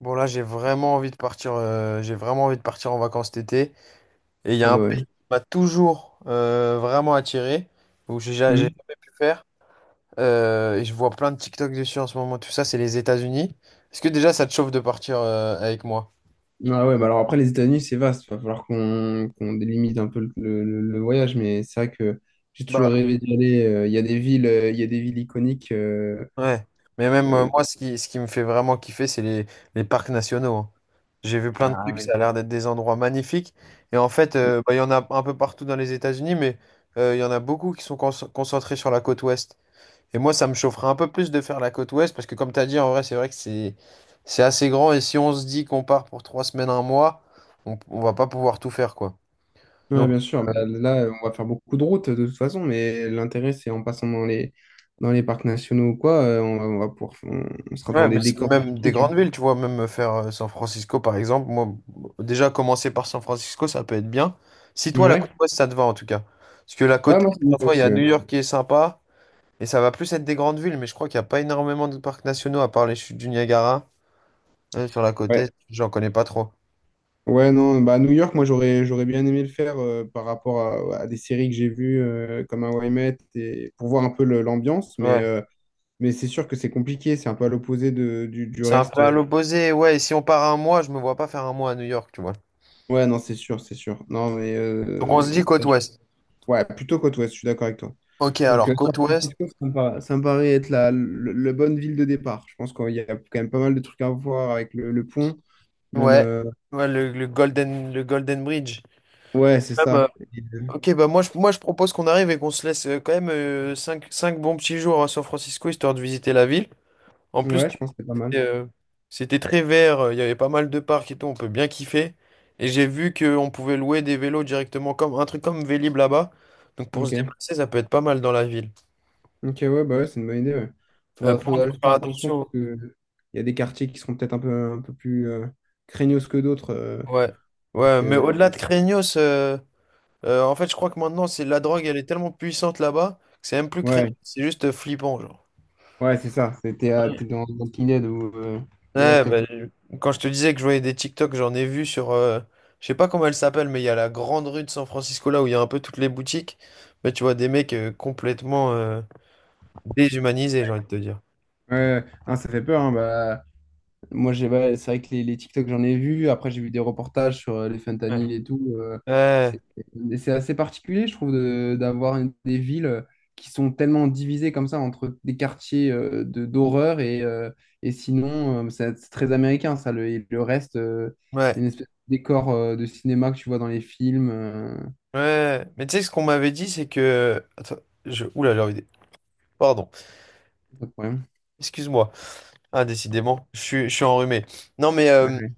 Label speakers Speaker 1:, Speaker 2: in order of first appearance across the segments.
Speaker 1: Bon là j'ai vraiment envie de partir en vacances cet été et il y
Speaker 2: Ah
Speaker 1: a un
Speaker 2: bah
Speaker 1: pays
Speaker 2: ouais.
Speaker 1: qui m'a toujours vraiment attiré où j'ai
Speaker 2: Hmm.
Speaker 1: jamais pu faire et je vois plein de TikTok dessus en ce moment tout ça c'est les États-Unis. Est-ce que déjà ça te chauffe de partir avec moi?
Speaker 2: Ah ouais, bah alors après, les États-Unis, c'est vaste. Il va falloir qu'on délimite un peu le voyage, mais c'est vrai que j'ai
Speaker 1: Bah
Speaker 2: toujours rêvé d'y aller. Il y a des villes, il y a des villes iconiques.
Speaker 1: ouais. Mais même
Speaker 2: Euh,
Speaker 1: moi ce qui me fait vraiment kiffer c'est les parcs nationaux, hein. J'ai vu plein de
Speaker 2: Ah
Speaker 1: trucs,
Speaker 2: ouais.
Speaker 1: ça a l'air d'être des endroits magnifiques et en fait bah, il y en a un peu partout dans les États-Unis, mais il y en a beaucoup qui sont concentrés sur la côte ouest. Et moi, ça me chaufferait un peu plus de faire la côte ouest parce que, comme tu as dit, en vrai, c'est vrai que c'est assez grand. Et si on se dit qu'on part pour 3 semaines, un mois, on va pas pouvoir tout faire, quoi.
Speaker 2: Ouais,
Speaker 1: Donc,
Speaker 2: bien sûr. Bah,
Speaker 1: euh,
Speaker 2: là, on va faire beaucoup de routes de toute façon, mais l'intérêt, c'est en passant dans les parcs nationaux ou quoi, on va, on va pouvoir, on sera
Speaker 1: ouais,
Speaker 2: dans des
Speaker 1: mais c'est
Speaker 2: décors
Speaker 1: même des grandes
Speaker 2: magnifiques.
Speaker 1: villes, tu vois, même faire San Francisco, par exemple. Moi, déjà, commencer par San Francisco, ça peut être bien. Si toi, la
Speaker 2: Ouais,
Speaker 1: côte ouest, ça te va, en tout cas. Parce que la
Speaker 2: ouais,
Speaker 1: côte
Speaker 2: moi, c'est
Speaker 1: est,
Speaker 2: moi
Speaker 1: parfois, il y a
Speaker 2: aussi. Ouais.
Speaker 1: New York qui est sympa. Et ça va plus être des grandes villes, mais je crois qu'il n'y a pas énormément de parcs nationaux à part les chutes du Niagara sur la côte
Speaker 2: Ouais.
Speaker 1: est. J'en connais pas trop.
Speaker 2: Ouais, non, bah, à New York, moi, j'aurais bien aimé le faire par rapport à des séries que j'ai vues comme How I Met et pour voir un peu l'ambiance,
Speaker 1: Ouais.
Speaker 2: mais c'est sûr que c'est compliqué, c'est un peu à l'opposé du
Speaker 1: C'est un peu
Speaker 2: reste.
Speaker 1: à l'opposé. Ouais, et si on part un mois, je me vois pas faire un mois à New York, tu vois.
Speaker 2: Ouais, non, c'est sûr, c'est sûr. Non, mais
Speaker 1: Donc on se dit côte
Speaker 2: ça,
Speaker 1: ouest.
Speaker 2: ouais, plutôt côte ouest, je suis d'accord avec toi.
Speaker 1: Ok,
Speaker 2: Donc,
Speaker 1: alors
Speaker 2: San
Speaker 1: côte ouest.
Speaker 2: Francisco, ça me paraît être la, le bonne ville de départ. Je pense qu'il y a quand même pas mal de trucs à voir avec le pont, même.
Speaker 1: Ouais. Ouais, le Golden Bridge.
Speaker 2: Ouais, c'est
Speaker 1: Même,
Speaker 2: ça. Euh,
Speaker 1: ok, bah moi je propose qu'on arrive et qu'on se laisse quand même 5 bons petits jours à San Francisco, histoire de visiter la ville. En plus,
Speaker 2: Ouais, je pense que c'est pas mal.
Speaker 1: c'était euh, c'était très vert, il y avait pas mal de parcs et tout, on peut bien kiffer. Et j'ai vu qu'on pouvait louer des vélos directement, comme un truc comme Vélib là-bas. Donc pour se
Speaker 2: Ok.
Speaker 1: déplacer, ça peut être pas mal dans la ville.
Speaker 2: Ok, ouais, bah ouais, c'est une bonne idée. Ouais. Faudra,
Speaker 1: Par contre,
Speaker 2: faudra
Speaker 1: faut
Speaker 2: juste
Speaker 1: faire
Speaker 2: faire attention parce
Speaker 1: attention.
Speaker 2: que il y a des quartiers qui seront peut-être un peu plus craignos que d'autres.
Speaker 1: Ouais,
Speaker 2: Et
Speaker 1: ouais, mais
Speaker 2: que...
Speaker 1: au-delà de Craignos, en fait, je crois que maintenant, c'est la drogue, elle est tellement puissante là-bas que c'est même plus Craignos,
Speaker 2: Ouais,
Speaker 1: c'est juste flippant, genre.
Speaker 2: ouais, c'est ça. C'était t'es dans Pinhead ou de
Speaker 1: Ouais,
Speaker 2: Last of Us.
Speaker 1: bah, quand je te disais que je voyais des TikTok, j'en ai vu sur, je sais pas comment elle s'appelle, mais il y a la grande rue de San Francisco là où il y a un peu toutes les boutiques. Mais tu vois des mecs complètement déshumanisés, j'ai envie de te dire.
Speaker 2: Ouais, hein, ça fait peur, hein. Bah, moi, j'ai, ouais, c'est vrai que les TikTok, j'en ai vu. Après, j'ai vu des reportages sur les
Speaker 1: Ouais.
Speaker 2: fentanyl et tout.
Speaker 1: Ouais,
Speaker 2: C'est c'est assez particulier, je trouve, d'avoir des villes qui sont tellement divisées comme ça entre des quartiers de d'horreur et sinon, c'est très américain, ça. Le, et le reste,
Speaker 1: ouais,
Speaker 2: une espèce de décor de cinéma que tu vois dans les films.
Speaker 1: ouais. Mais tu sais, ce qu'on m'avait dit, c'est que. Attends, Oula, pardon,
Speaker 2: Pas de problème.
Speaker 1: excuse-moi. Ah, décidément, je suis enrhumé. Non, mais.
Speaker 2: Ouais.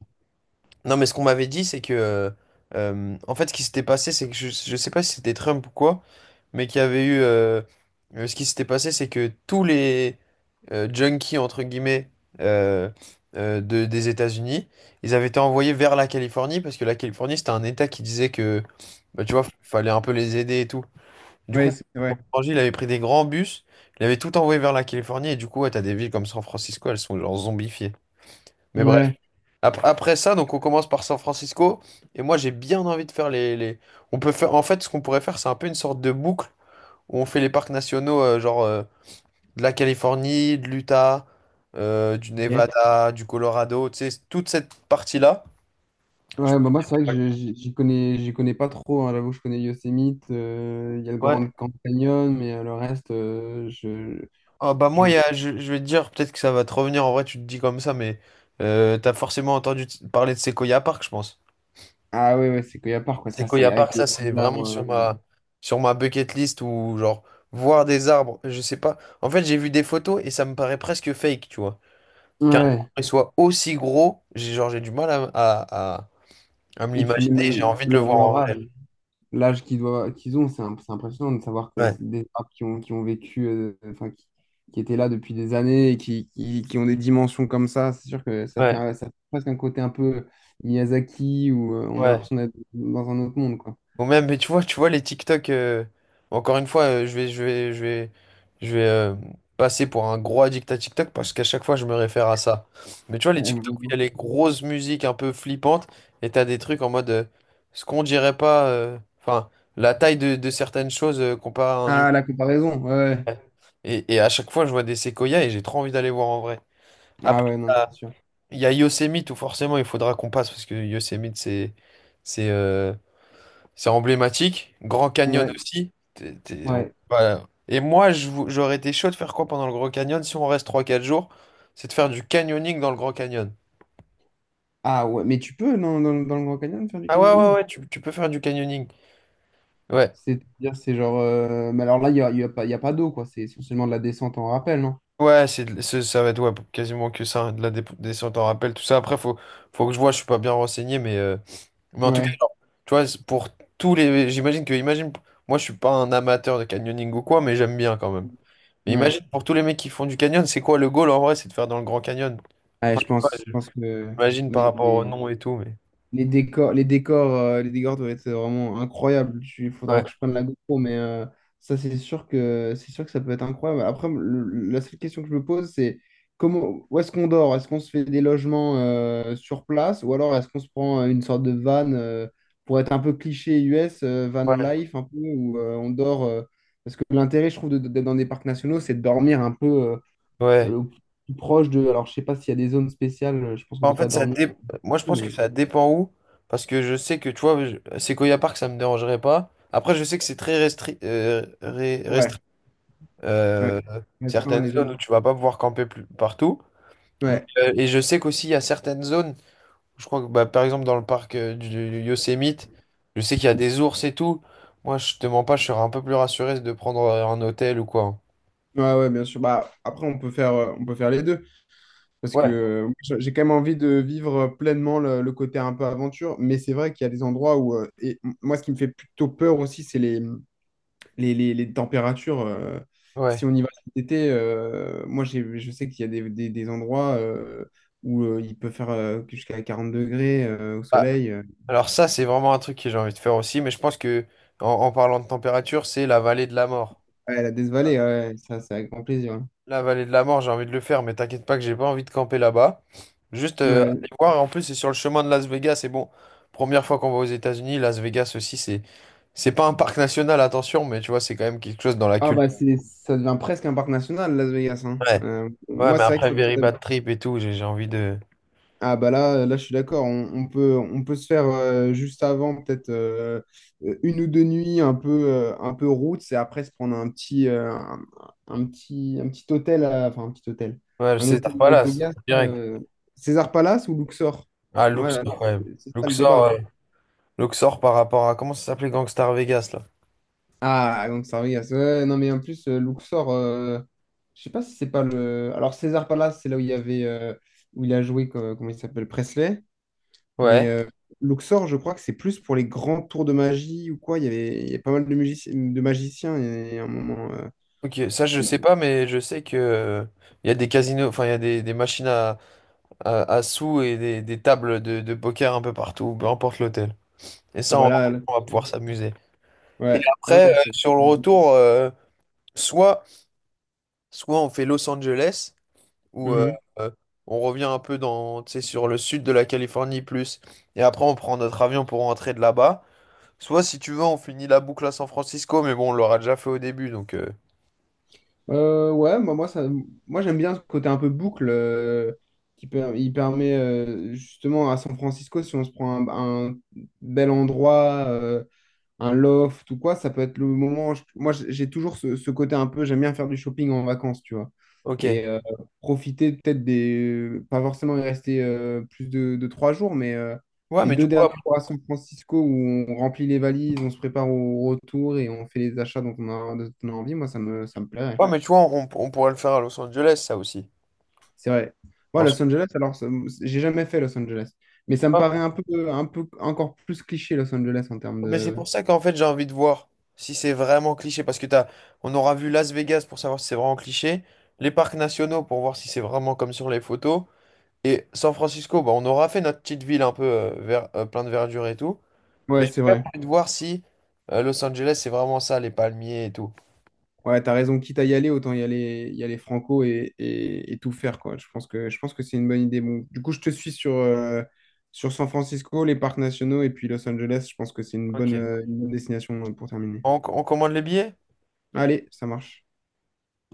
Speaker 1: Non, mais ce qu'on m'avait dit, c'est que. En fait, ce qui s'était passé, c'est que je sais pas si c'était Trump ou quoi, mais qu'il y avait eu. Ce qui s'était passé, c'est que tous les junkies, entre guillemets, euh, des États-Unis, ils avaient été envoyés vers la Californie, parce que la Californie, c'était un État qui disait que. Bah, tu vois, fallait un peu les aider et tout. Du
Speaker 2: Ouais,
Speaker 1: coup,
Speaker 2: c'est vrai.
Speaker 1: pour changer, il avait pris des grands bus, il avait tout envoyé vers la Californie, et du coup, ouais, t'as des villes comme San Francisco, elles sont genre zombifiées. Mais bref.
Speaker 2: Ouais.
Speaker 1: Après ça, donc on commence par San Francisco. Et moi, j'ai bien envie de faire on peut faire. En fait, ce qu'on pourrait faire, c'est un peu une sorte de boucle où on fait les parcs nationaux, genre de la Californie, de l'Utah, du
Speaker 2: Ok.
Speaker 1: Nevada, du Colorado, tu sais, toute cette partie-là. Je-
Speaker 2: Ouais, bah moi, c'est vrai que j'y connais pas trop, hein. J'avoue, je connais Yosemite, il y a le
Speaker 1: Ouais.
Speaker 2: Grand Canyon, mais le reste,
Speaker 1: Ah, bah
Speaker 2: je...
Speaker 1: moi, je vais te dire, peut-être que ça va te revenir, en vrai, tu te dis comme ça, mais t'as forcément entendu parler de Sequoia Park, je pense.
Speaker 2: Ah ouais, ouais, c'est qu'il y a part, quoi.
Speaker 1: C'est
Speaker 2: Ça,
Speaker 1: qu'il y
Speaker 2: c'est
Speaker 1: a parc,
Speaker 2: avec
Speaker 1: ça,
Speaker 2: les
Speaker 1: c'est
Speaker 2: petits
Speaker 1: vraiment sur
Speaker 2: arbres.
Speaker 1: ma, sur ma bucket list, ou genre voir des arbres, je sais pas. En fait, j'ai vu des photos et ça me paraît presque fake, tu vois.
Speaker 2: Ouais.
Speaker 1: Qu'un arbre
Speaker 2: Ouais.
Speaker 1: soit aussi gros, j'ai genre j'ai du mal à me
Speaker 2: Et puis même
Speaker 1: l'imaginer, j'ai envie de le voir en
Speaker 2: leur
Speaker 1: vrai.
Speaker 2: âge, l'âge qu'ils doivent, qu'ils ont, c'est c'est impressionnant de savoir que c'est
Speaker 1: Ouais,
Speaker 2: des arbres qui ont vécu, qui étaient là depuis des années et qui ont des dimensions comme ça. C'est sûr que ça fait,
Speaker 1: ouais,
Speaker 2: ça fait presque un côté un peu Miyazaki où on a
Speaker 1: ouais.
Speaker 2: l'impression d'être dans un autre monde, quoi.
Speaker 1: Ou même, mais tu vois, les TikTok. Encore une fois, je vais passer pour un gros addict à TikTok parce qu'à chaque fois, je me réfère à ça. Mais tu vois les TikTok où il y a
Speaker 2: Ouais.
Speaker 1: les grosses musiques un peu flippantes et t'as des trucs en mode ce qu'on dirait pas. Enfin, la taille de certaines choses comparé à un humain.
Speaker 2: Ah, la comparaison, ouais, ouais.
Speaker 1: Et à chaque fois, je vois des séquoias et j'ai trop envie d'aller voir en vrai.
Speaker 2: Ah
Speaker 1: Après,
Speaker 2: ouais, non,
Speaker 1: il
Speaker 2: mais
Speaker 1: y
Speaker 2: c'est
Speaker 1: a
Speaker 2: sûr.
Speaker 1: il y a Yosemite où forcément il faudra qu'on passe parce que Yosemite, c'est, euh, c'est emblématique. Grand Canyon
Speaker 2: Ouais,
Speaker 1: aussi.
Speaker 2: ouais.
Speaker 1: Voilà. Et moi, j'aurais été chaud de faire quoi pendant le Grand Canyon si on reste trois quatre jours? C'est de faire du canyoning dans le Grand Canyon.
Speaker 2: Ah ouais, mais tu peux dans le Grand Canyon faire du
Speaker 1: Ah ouais, ouais,
Speaker 2: canyoning?
Speaker 1: ouais, tu peux faire du canyoning. Ouais.
Speaker 2: C'est-à-dire, c'est genre... mais alors là, il y a pas, il y a pas d'eau, quoi. C'est essentiellement de la descente en rappel, non?
Speaker 1: Ouais, ça va être, ouais, quasiment que ça, hein, de la descente en rappel, tout ça. Après, faut que je vois, je suis pas bien renseigné, mais en tout cas,
Speaker 2: Ouais,
Speaker 1: genre, tu vois, c'est pour tous les. J'imagine que, imagine, moi, je suis pas un amateur de canyoning ou quoi, mais j'aime bien quand même. Mais
Speaker 2: ouais.
Speaker 1: imagine, pour tous les mecs qui font du canyon, c'est quoi le goal en vrai? C'est de faire dans le Grand Canyon.
Speaker 2: Ouais,
Speaker 1: Enfin, ouais,
Speaker 2: je pense que
Speaker 1: j'imagine par
Speaker 2: les,
Speaker 1: rapport au
Speaker 2: les-
Speaker 1: nom et tout, mais.
Speaker 2: les décors, les décors doivent être vraiment incroyables. Il faudra
Speaker 1: Ouais,
Speaker 2: que je prenne la GoPro, mais ça, c'est sûr que ça peut être incroyable. Après, la seule question que je me pose, c'est comment, où est-ce qu'on dort? Est-ce qu'on se fait des logements sur place ou alors est-ce qu'on se prend une sorte de van pour être un peu cliché US, van
Speaker 1: ouais,
Speaker 2: life un peu où on dort, parce que l'intérêt, je trouve, d'être dans des parcs nationaux, c'est de dormir un peu
Speaker 1: ouais.
Speaker 2: au plus proche de. Alors, je sais pas s'il y a des zones spéciales. Je pense qu'on
Speaker 1: En
Speaker 2: peut pas
Speaker 1: fait,
Speaker 2: dormir,
Speaker 1: moi je pense que
Speaker 2: mais.
Speaker 1: ça dépend où, parce que je sais que, tu vois, Sequoia Park, ça me dérangerait pas. Après, je sais que c'est très
Speaker 2: Ouais. Ouais,
Speaker 1: euh,
Speaker 2: restreindre
Speaker 1: certaines
Speaker 2: les
Speaker 1: zones où
Speaker 2: zones.
Speaker 1: tu vas pas pouvoir camper, plus... partout. Mais,
Speaker 2: Ouais,
Speaker 1: et je sais qu'aussi, il y a certaines zones, je crois que, bah, par exemple, dans le parc du Yosemite, je sais qu'il y a des ours et tout. Moi, je te mens pas, je serais un peu plus rassuré de prendre un hôtel ou quoi.
Speaker 2: ouais, ouais, bien sûr. Bah, après, on peut faire les deux. Parce que
Speaker 1: Ouais,
Speaker 2: j'ai quand même envie de vivre pleinement le côté un peu aventure. Mais c'est vrai qu'il y a des endroits où. Et moi, ce qui me fait plutôt peur aussi, c'est les températures. Si
Speaker 1: ouais.
Speaker 2: on y va cet été, moi, j'ai, je sais qu'il y a des endroits où il peut faire jusqu'à 40 degrés au
Speaker 1: Bah,
Speaker 2: soleil.
Speaker 1: alors ça, c'est vraiment un truc que j'ai envie de faire aussi, mais je pense que en parlant de température, c'est la vallée de la mort.
Speaker 2: Ouais, la Death Valley, ouais, ça, c'est avec grand plaisir, hein.
Speaker 1: La vallée de la mort, j'ai envie de le faire, mais t'inquiète pas que j'ai pas envie de camper là-bas. Juste
Speaker 2: Ouais.
Speaker 1: aller voir, en plus c'est sur le chemin de Las Vegas, et bon, première fois qu'on va aux États-Unis, Las Vegas aussi, c'est pas un parc national, attention, mais tu vois, c'est quand même quelque chose dans la
Speaker 2: Ah
Speaker 1: culture.
Speaker 2: bah c'est ça devient presque un parc national, Las Vegas, hein.
Speaker 1: Ouais, ouais,
Speaker 2: Moi
Speaker 1: mais
Speaker 2: c'est vrai
Speaker 1: après
Speaker 2: que
Speaker 1: Very Bad Trip et tout, j'ai envie de.
Speaker 2: ah bah là là je suis d'accord, on peut, on peut se faire juste avant peut-être une ou deux nuits un peu route et après se prendre un petit un petit un petit hôtel enfin un petit hôtel,
Speaker 1: Ouais, le
Speaker 2: un hôtel
Speaker 1: César
Speaker 2: Las
Speaker 1: Palace,
Speaker 2: Vegas là,
Speaker 1: direct.
Speaker 2: César Palace ou Luxor,
Speaker 1: Ah,
Speaker 2: ouais,
Speaker 1: Luxor, ouais.
Speaker 2: c'est ça le débat,
Speaker 1: Luxor,
Speaker 2: hein.
Speaker 1: ouais. Luxor par rapport à. Comment ça s'appelait Gangstar Vegas, là?
Speaker 2: Ah, donc Gonçalves, ouais, non mais en plus, Luxor, je sais pas si c'est pas le... Alors César Palace, c'est là où il y avait, où il a joué, comment il s'appelle, Presley, mais
Speaker 1: Ouais.
Speaker 2: Luxor, je crois que c'est plus pour les grands tours de magie ou quoi, il y a pas mal de, de magiciens, et à un moment...
Speaker 1: Ok, ça je sais pas, mais je sais que il y a des casinos, enfin il y a des machines à sous et des tables de poker un peu partout, peu importe l'hôtel. Et
Speaker 2: Ah
Speaker 1: ça, on, va
Speaker 2: voilà,
Speaker 1: on va pouvoir s'amuser. Et
Speaker 2: ouais, ah
Speaker 1: après,
Speaker 2: non, c'est...
Speaker 1: sur le retour, soit, soit on fait Los Angeles, où
Speaker 2: Mhm.
Speaker 1: euh, on revient un peu dans, tu sais, sur le sud de la Californie plus, et après on prend notre avion pour rentrer de là-bas. Soit, si tu veux, on finit la boucle à San Francisco, mais bon, on l'aura déjà fait au début, donc.
Speaker 2: Ouais, moi j'aime bien ce côté un peu boucle, il permet justement à San Francisco, si on se prend un bel endroit, un loft ou quoi, ça peut être le moment. Moi, j'ai toujours ce côté un peu, j'aime bien faire du shopping en vacances, tu vois.
Speaker 1: Ok.
Speaker 2: Et profiter peut-être des. Pas forcément y rester plus de 3 jours, mais
Speaker 1: Ouais,
Speaker 2: les
Speaker 1: mais du
Speaker 2: deux
Speaker 1: coup.
Speaker 2: derniers jours à San Francisco où on remplit les valises, on se prépare au retour et on fait les achats dont on a, dont on a envie, moi, ça me plairait.
Speaker 1: Ouais, mais tu vois, on pourrait le faire à Los Angeles, ça aussi.
Speaker 2: C'est vrai. Ouais,
Speaker 1: En soi,
Speaker 2: Los Angeles, alors, j'ai jamais fait Los Angeles. Mais
Speaker 1: c'est
Speaker 2: ça me
Speaker 1: pas-
Speaker 2: paraît un peu encore plus cliché, Los Angeles, en termes
Speaker 1: mais c'est
Speaker 2: de.
Speaker 1: pour ça qu'en fait, j'ai envie de voir si c'est vraiment cliché. Parce que on aura vu Las Vegas pour savoir si c'est vraiment cliché. Les parcs nationaux pour voir si c'est vraiment comme sur les photos. Et San Francisco, bah, on aura fait notre petite ville un peu plein de verdure et tout. Mais
Speaker 2: Ouais,
Speaker 1: j'ai
Speaker 2: c'est
Speaker 1: quand même
Speaker 2: vrai.
Speaker 1: envie de voir si Los Angeles, c'est vraiment ça, les palmiers et tout.
Speaker 2: Ouais, t'as raison. Quitte à y aller, autant y aller franco et tout faire, quoi. Je pense que c'est une bonne idée. Bon, du coup, je te suis sur, sur San Francisco, les parcs nationaux et puis Los Angeles. Je pense que c'est
Speaker 1: Ok.
Speaker 2: une bonne destination pour terminer.
Speaker 1: On commande les billets?
Speaker 2: Allez, ça marche.